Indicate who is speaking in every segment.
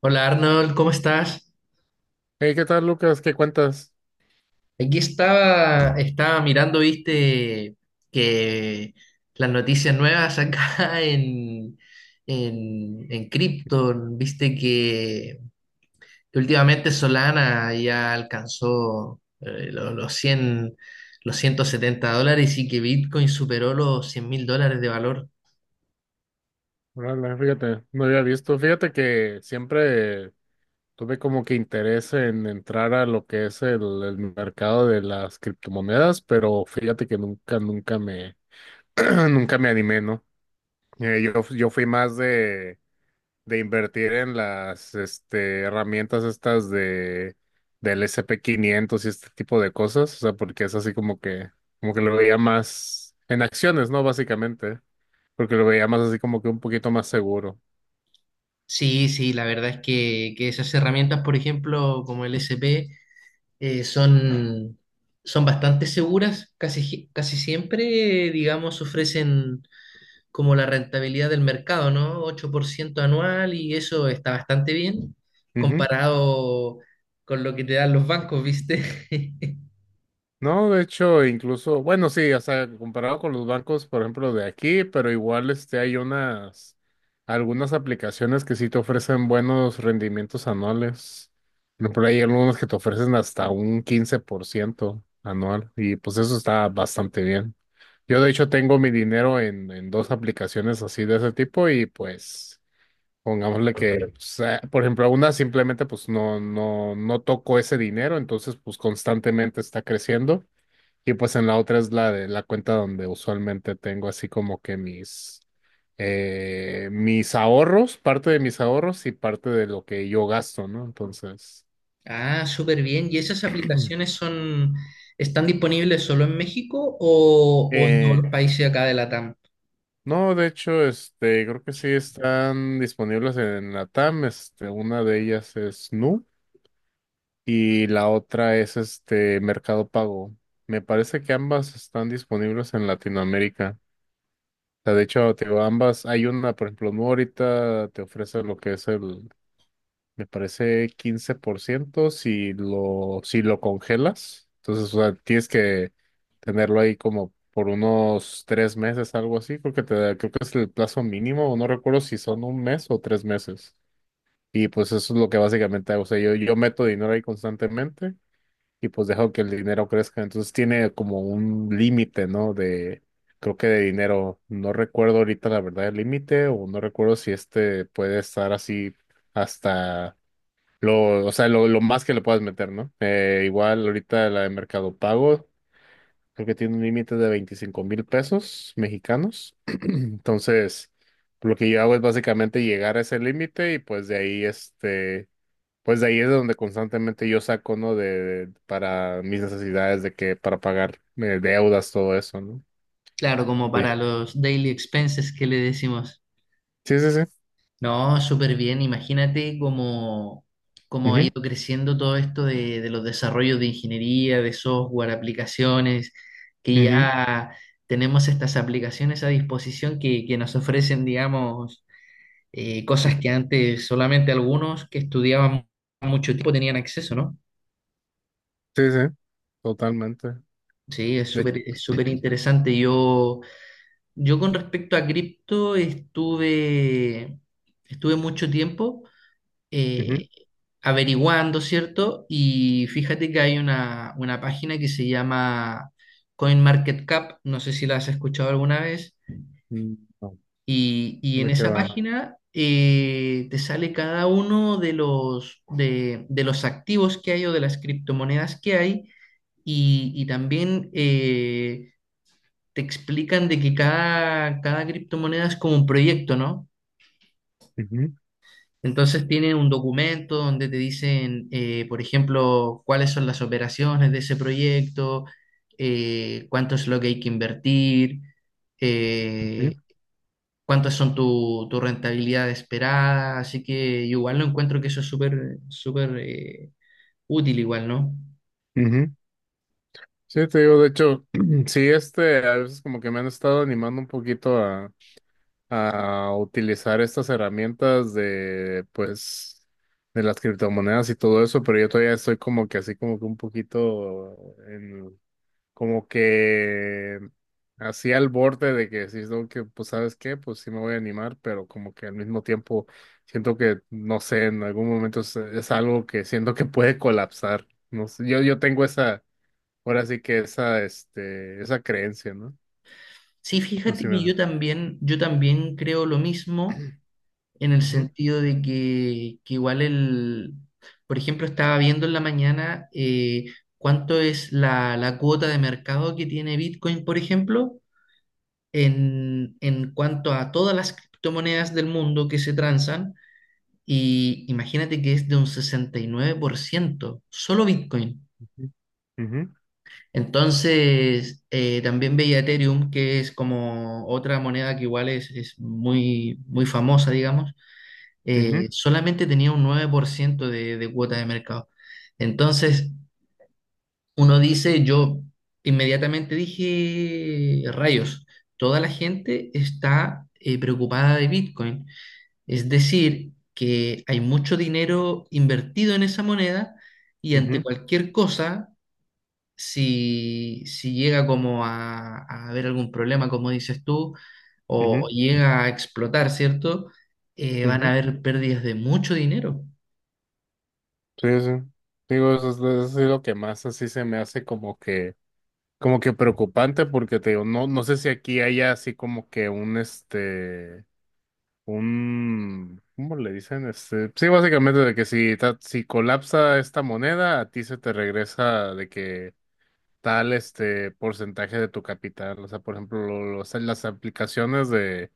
Speaker 1: Hola Arnold, ¿cómo estás?
Speaker 2: Hey, ¿qué tal, Lucas? ¿Qué cuentas?
Speaker 1: Aquí estaba mirando, viste, que las noticias nuevas acá en cripto, viste que últimamente Solana ya alcanzó 100 los 170 dólares y que Bitcoin superó los 100.000 dólares de valor.
Speaker 2: Órale, fíjate, no había visto. Fíjate que siempre tuve como que interés en entrar a lo que es el mercado de las criptomonedas, pero fíjate que nunca, nunca me, nunca me animé, ¿no? Yo fui más de invertir en las, este, herramientas estas de, del S&P 500 500 y este tipo de cosas, o sea, porque es así como que lo veía más en acciones, ¿no? Básicamente. Porque lo veía más así como que un poquito más seguro.
Speaker 1: Sí, sí, la verdad es que esas herramientas, por ejemplo, como el SP, eh, son, son bastante seguras, casi, casi siempre, digamos, ofrecen como la rentabilidad del mercado, ¿no? 8% anual y eso está bastante bien
Speaker 2: Ujú.
Speaker 1: comparado con lo que te dan los bancos, ¿viste?
Speaker 2: No, de hecho, incluso, bueno, sí, o sea, comparado con los bancos, por ejemplo, de aquí, pero igual este, hay unas, algunas aplicaciones que sí te ofrecen buenos rendimientos anuales. Por ejemplo, hay algunas que te ofrecen hasta un 15% anual y pues eso está bastante bien. Yo de hecho tengo mi dinero en dos aplicaciones así de ese tipo y pues... Pongámosle que, o sea, por ejemplo, a una simplemente pues no, no tocó ese dinero, entonces pues constantemente está creciendo. Y pues en la otra es la de la cuenta donde usualmente tengo así como que mis, mis ahorros, parte de mis ahorros y parte de lo que yo gasto, ¿no? Entonces,
Speaker 1: Ah, súper bien. ¿Y esas aplicaciones son, están disponibles solo en México o en todos
Speaker 2: eh,
Speaker 1: los países acá de Latam?
Speaker 2: no, de hecho, este, creo que sí están disponibles en la TAM. Este, una de ellas es Nu. Y la otra es este Mercado Pago. Me parece que ambas están disponibles en Latinoamérica. O sea, de hecho, te digo, ambas, hay una, por ejemplo, no ahorita te ofrece lo que es el, me parece 15% si lo, si lo congelas. Entonces, o sea, tienes que tenerlo ahí como por unos tres meses, algo así, porque te da- creo que es el plazo mínimo, o no recuerdo si son un mes o tres meses. Y pues eso es lo que básicamente hago. O sea, yo meto dinero ahí constantemente y pues dejo que el dinero crezca. Entonces tiene como un límite, ¿no? De, creo que de dinero, no recuerdo ahorita la verdad el límite o no recuerdo si este puede estar así hasta lo, o sea, lo más que le puedas meter, ¿no? Igual ahorita la de Mercado Pago, creo que tiene un límite de 25 mil pesos mexicanos. Entonces, lo que yo hago es básicamente llegar a ese límite y pues de ahí este pues de ahí es de donde constantemente yo saco, ¿no? De, para mis necesidades de que, para pagar deudas, todo eso, ¿no?
Speaker 1: Claro, como
Speaker 2: Oye,
Speaker 1: para los daily expenses que le decimos.
Speaker 2: sí, sí, sí.
Speaker 1: No, súper bien. Imagínate cómo, cómo ha
Speaker 2: Ujú,
Speaker 1: ido creciendo todo esto de los desarrollos de ingeniería, de software, aplicaciones, que
Speaker 2: ujú.
Speaker 1: ya tenemos estas aplicaciones a disposición que nos ofrecen, digamos, cosas que antes solamente algunos que estudiaban mucho tiempo tenían acceso, ¿no?
Speaker 2: Sí, sí, totalmente.
Speaker 1: Sí,
Speaker 2: De,
Speaker 1: es súper interesante. Yo con respecto a cripto estuve mucho tiempo.
Speaker 2: ujú,
Speaker 1: eh, Averiguando, ¿cierto? Y fíjate que hay una página que se llama CoinMarketCap, no sé si la has escuchado alguna vez,
Speaker 2: mm, no,
Speaker 1: y en
Speaker 2: ¿de qué
Speaker 1: esa
Speaker 2: va?
Speaker 1: página te sale cada uno de los activos que hay o de las criptomonedas que hay, y también te explican de que cada criptomoneda es como un proyecto, ¿no?
Speaker 2: Ujú,
Speaker 1: Entonces tienen un documento donde te dicen, por ejemplo, cuáles son las operaciones de ese proyecto, cuánto es lo que hay que invertir,
Speaker 2: ujú,
Speaker 1: eh, cuántas son tu, tu rentabilidad esperada. Así que yo igual lo encuentro que eso es súper, súper útil igual, ¿no?
Speaker 2: ujú. Sí, te digo, de hecho, sí, este, a veces como que me han estado animando un poquito a utilizar estas herramientas de, pues, de las criptomonedas y todo eso, pero yo todavía estoy como que así como que un poquito en, como que así al borde de que decís, no, que pues, ¿sabes qué? Pues sí me voy a animar, pero como que al mismo tiempo siento que, no sé, en algún momento es algo que siento que puede colapsar. No sé, yo tengo esa, ahora sí que esa, este, esa creencia, ¿no?
Speaker 1: Sí, fíjate
Speaker 2: Así me
Speaker 1: que
Speaker 2: da.
Speaker 1: yo también creo lo mismo. En el
Speaker 2: Ujú,
Speaker 1: sentido de que igual el, por ejemplo, estaba viendo en la mañana cuánto es la, la cuota de mercado que tiene Bitcoin, por ejemplo, en cuanto a todas las criptomonedas del mundo que se transan, y imagínate que es de un 69%, solo Bitcoin.
Speaker 2: ujú, ujú,
Speaker 1: Entonces, también veía Ethereum, que es como otra moneda que igual es muy, muy famosa, digamos
Speaker 2: ujú.
Speaker 1: solamente tenía un 9% de cuota de mercado. Entonces, uno dice, yo inmediatamente dije, rayos, toda la gente está preocupada de Bitcoin. Es decir, que hay mucho dinero invertido en esa moneda y ante
Speaker 2: Ujú,
Speaker 1: cualquier cosa, si, si llega como a haber algún problema, como dices tú, o
Speaker 2: ujú,
Speaker 1: llega a explotar, ¿cierto? Van a
Speaker 2: ujú.
Speaker 1: haber pérdidas de mucho dinero.
Speaker 2: Sí, sí. Digo, eso es lo que más así se me hace como que preocupante, porque te digo, no, no sé si aquí haya así como que un este, un, ¿cómo le dicen? Este, sí, básicamente de que si, ta- si colapsa esta moneda, a ti se te regresa de que tal este porcentaje de tu capital. O sea, por ejemplo, lo- los- las aplicaciones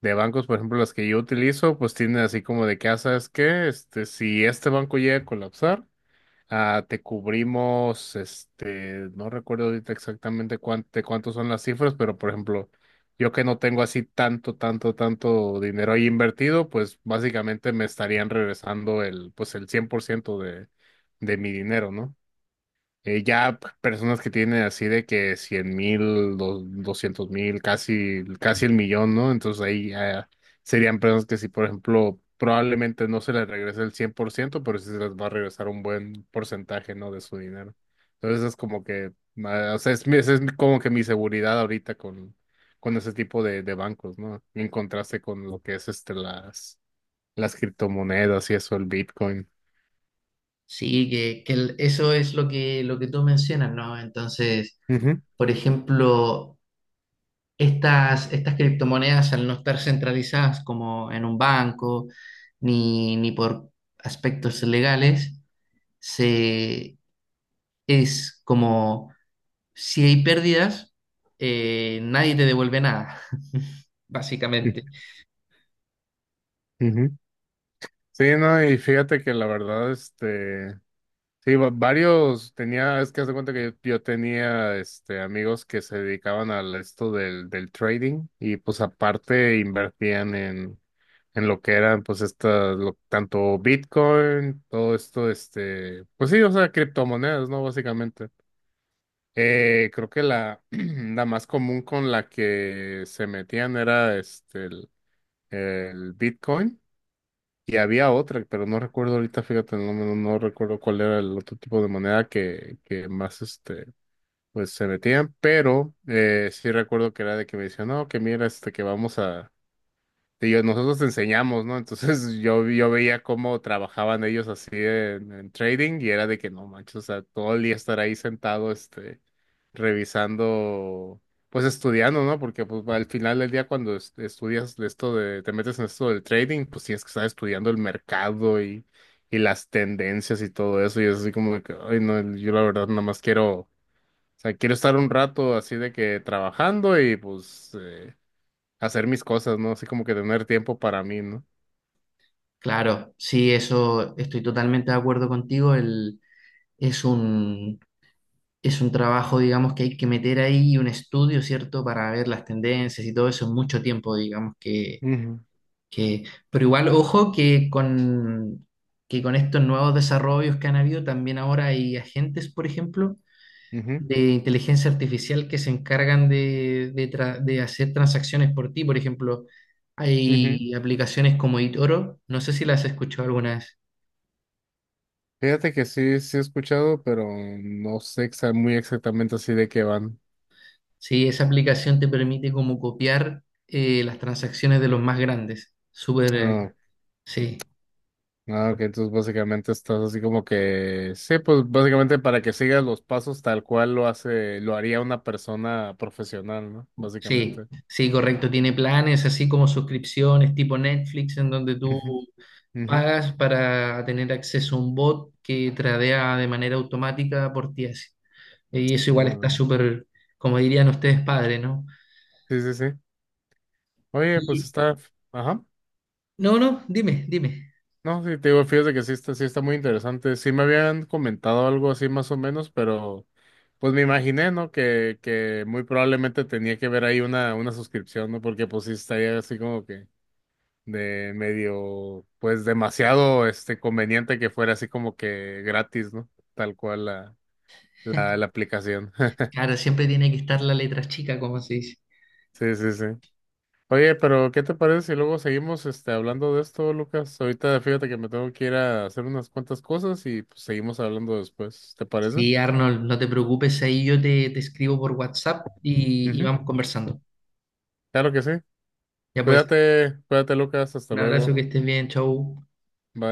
Speaker 2: de bancos, por ejemplo, las que yo utilizo, pues tienen así como de que, ah, ¿sabes qué? Este, si este banco llega a colapsar, ah, te cubrimos, este, no recuerdo ahorita exactamente cuánto, de cuántos son las cifras, pero por ejemplo, yo que no tengo así tanto, tanto, tanto dinero ahí invertido, pues básicamente me estarían regresando el, pues el 100% de mi dinero, ¿no? Ya p- personas que tienen así de que cien mil, doscientos mil, casi, casi el millón, ¿no? Entonces ahí ya serían personas que si, por ejemplo, probablemente no se les regrese el 100% pero sí se les va a regresar un buen porcentaje, ¿no? De su dinero. Entonces es como que, ah, o sea, es, mi- esa es mi- como que mi seguridad ahorita con ese tipo de bancos, ¿no? En contraste con lo que es este, las criptomonedas y eso, el Bitcoin.
Speaker 1: Sí, que eso es lo que tú mencionas, ¿no? Entonces,
Speaker 2: Ujú,
Speaker 1: por ejemplo, estas criptomonedas al no estar centralizadas como en un banco ni, ni por aspectos legales, se, es como si hay pérdidas, nadie te devuelve nada, básicamente.
Speaker 2: ujú, sí, no, y fíjate que la verdad, este, sí, va- varios tenía, es que haz de cuenta que yo tenía, este, amigos que se dedicaban al esto del, del trading y pues aparte invertían en lo que eran, pues estas, lo- tanto Bitcoin, todo esto, este, pues sí, o sea, criptomonedas, ¿no? Básicamente. Creo que la, la más común con la que se metían era, este, el Bitcoin. Y había otra, pero no recuerdo ahorita, fíjate, no, no recuerdo cuál era el otro tipo de moneda que más este, pues se metían, pero sí recuerdo que era de que me decían, no, que mira, este, que vamos a, sí, yo- nosotros te enseñamos, ¿no? Entonces yo veía cómo trabajaban ellos así en trading y era de que no manches, o sea, todo el día estar ahí sentado, este, revisando, pues estudiando, ¿no? Porque pues, al final del día cuando es- estudias de esto de, te metes en esto del trading, pues tienes que estar estudiando el mercado y las tendencias y todo eso. Y es así como de que, ay, no, yo la verdad nada más quiero, o sea, quiero estar un rato así de que trabajando y pues... hacer mis cosas, ¿no? Así como que tener tiempo para mí, ¿no?
Speaker 1: Claro, sí, eso estoy totalmente de acuerdo contigo. El, es un, es un trabajo, digamos, que hay que meter ahí un estudio, ¿cierto? Para ver las tendencias y todo eso es mucho tiempo, digamos,
Speaker 2: Ujú,
Speaker 1: que... Pero igual, ojo que con estos nuevos desarrollos que han habido, también ahora hay agentes, por ejemplo,
Speaker 2: ujú,
Speaker 1: de inteligencia artificial que se encargan de, de hacer transacciones por ti. Por ejemplo,
Speaker 2: ujú.
Speaker 1: hay aplicaciones como eToro, no sé si las has escuchado alguna vez.
Speaker 2: Fíjate que sí, sí he escuchado, pero no sé exa- muy exactamente así de qué van.
Speaker 1: Sí, esa aplicación te permite como copiar las transacciones de los más grandes. Súper,
Speaker 2: Ah,
Speaker 1: sí,
Speaker 2: ah, ok, entonces básicamente estás así como que, sí, pues básicamente para que sigas los pasos tal cual lo hace, lo haría una persona profesional, ¿no?
Speaker 1: sí,
Speaker 2: Básicamente.
Speaker 1: sí, correcto. Tiene planes así como suscripciones tipo Netflix en donde tú
Speaker 2: Ujú, ujú.
Speaker 1: pagas para tener acceso a un bot que tradea de manera automática por ti así. Y eso igual está
Speaker 2: Órale.
Speaker 1: súper, como dirían ustedes, padre, ¿no?
Speaker 2: Sí, sí, sí. Oye, pues
Speaker 1: Y,
Speaker 2: está, ajá.
Speaker 1: no, no, dime, dime.
Speaker 2: No, sí, te digo, fíjate que sí está muy interesante. Sí me habían comentado algo así más o menos, pero pues me imaginé, ¿no? Que muy probablemente tenía que ver ahí una suscripción, ¿no? Porque pues sí estaría así como que de medio, pues demasiado este conveniente que fuera así como que gratis, ¿no? Tal cual la, la aplicación.
Speaker 1: Claro, siempre tiene que estar la letra chica, como se dice.
Speaker 2: Sí, sí, sí. Oye, pero ¿qué te parece si luego seguimos este, hablando de esto, Lucas? Ahorita fíjate que me tengo que ir a hacer unas cuantas cosas y pues, seguimos hablando después, ¿te parece?
Speaker 1: Sí, Arnold, no te preocupes, ahí yo te, te escribo por WhatsApp y
Speaker 2: Ujú,
Speaker 1: vamos conversando.
Speaker 2: claro que sí.
Speaker 1: Ya pues,
Speaker 2: Cuídate, cuídate, Lucas, hasta
Speaker 1: un abrazo,
Speaker 2: luego.
Speaker 1: que estés bien, chau.
Speaker 2: Bye.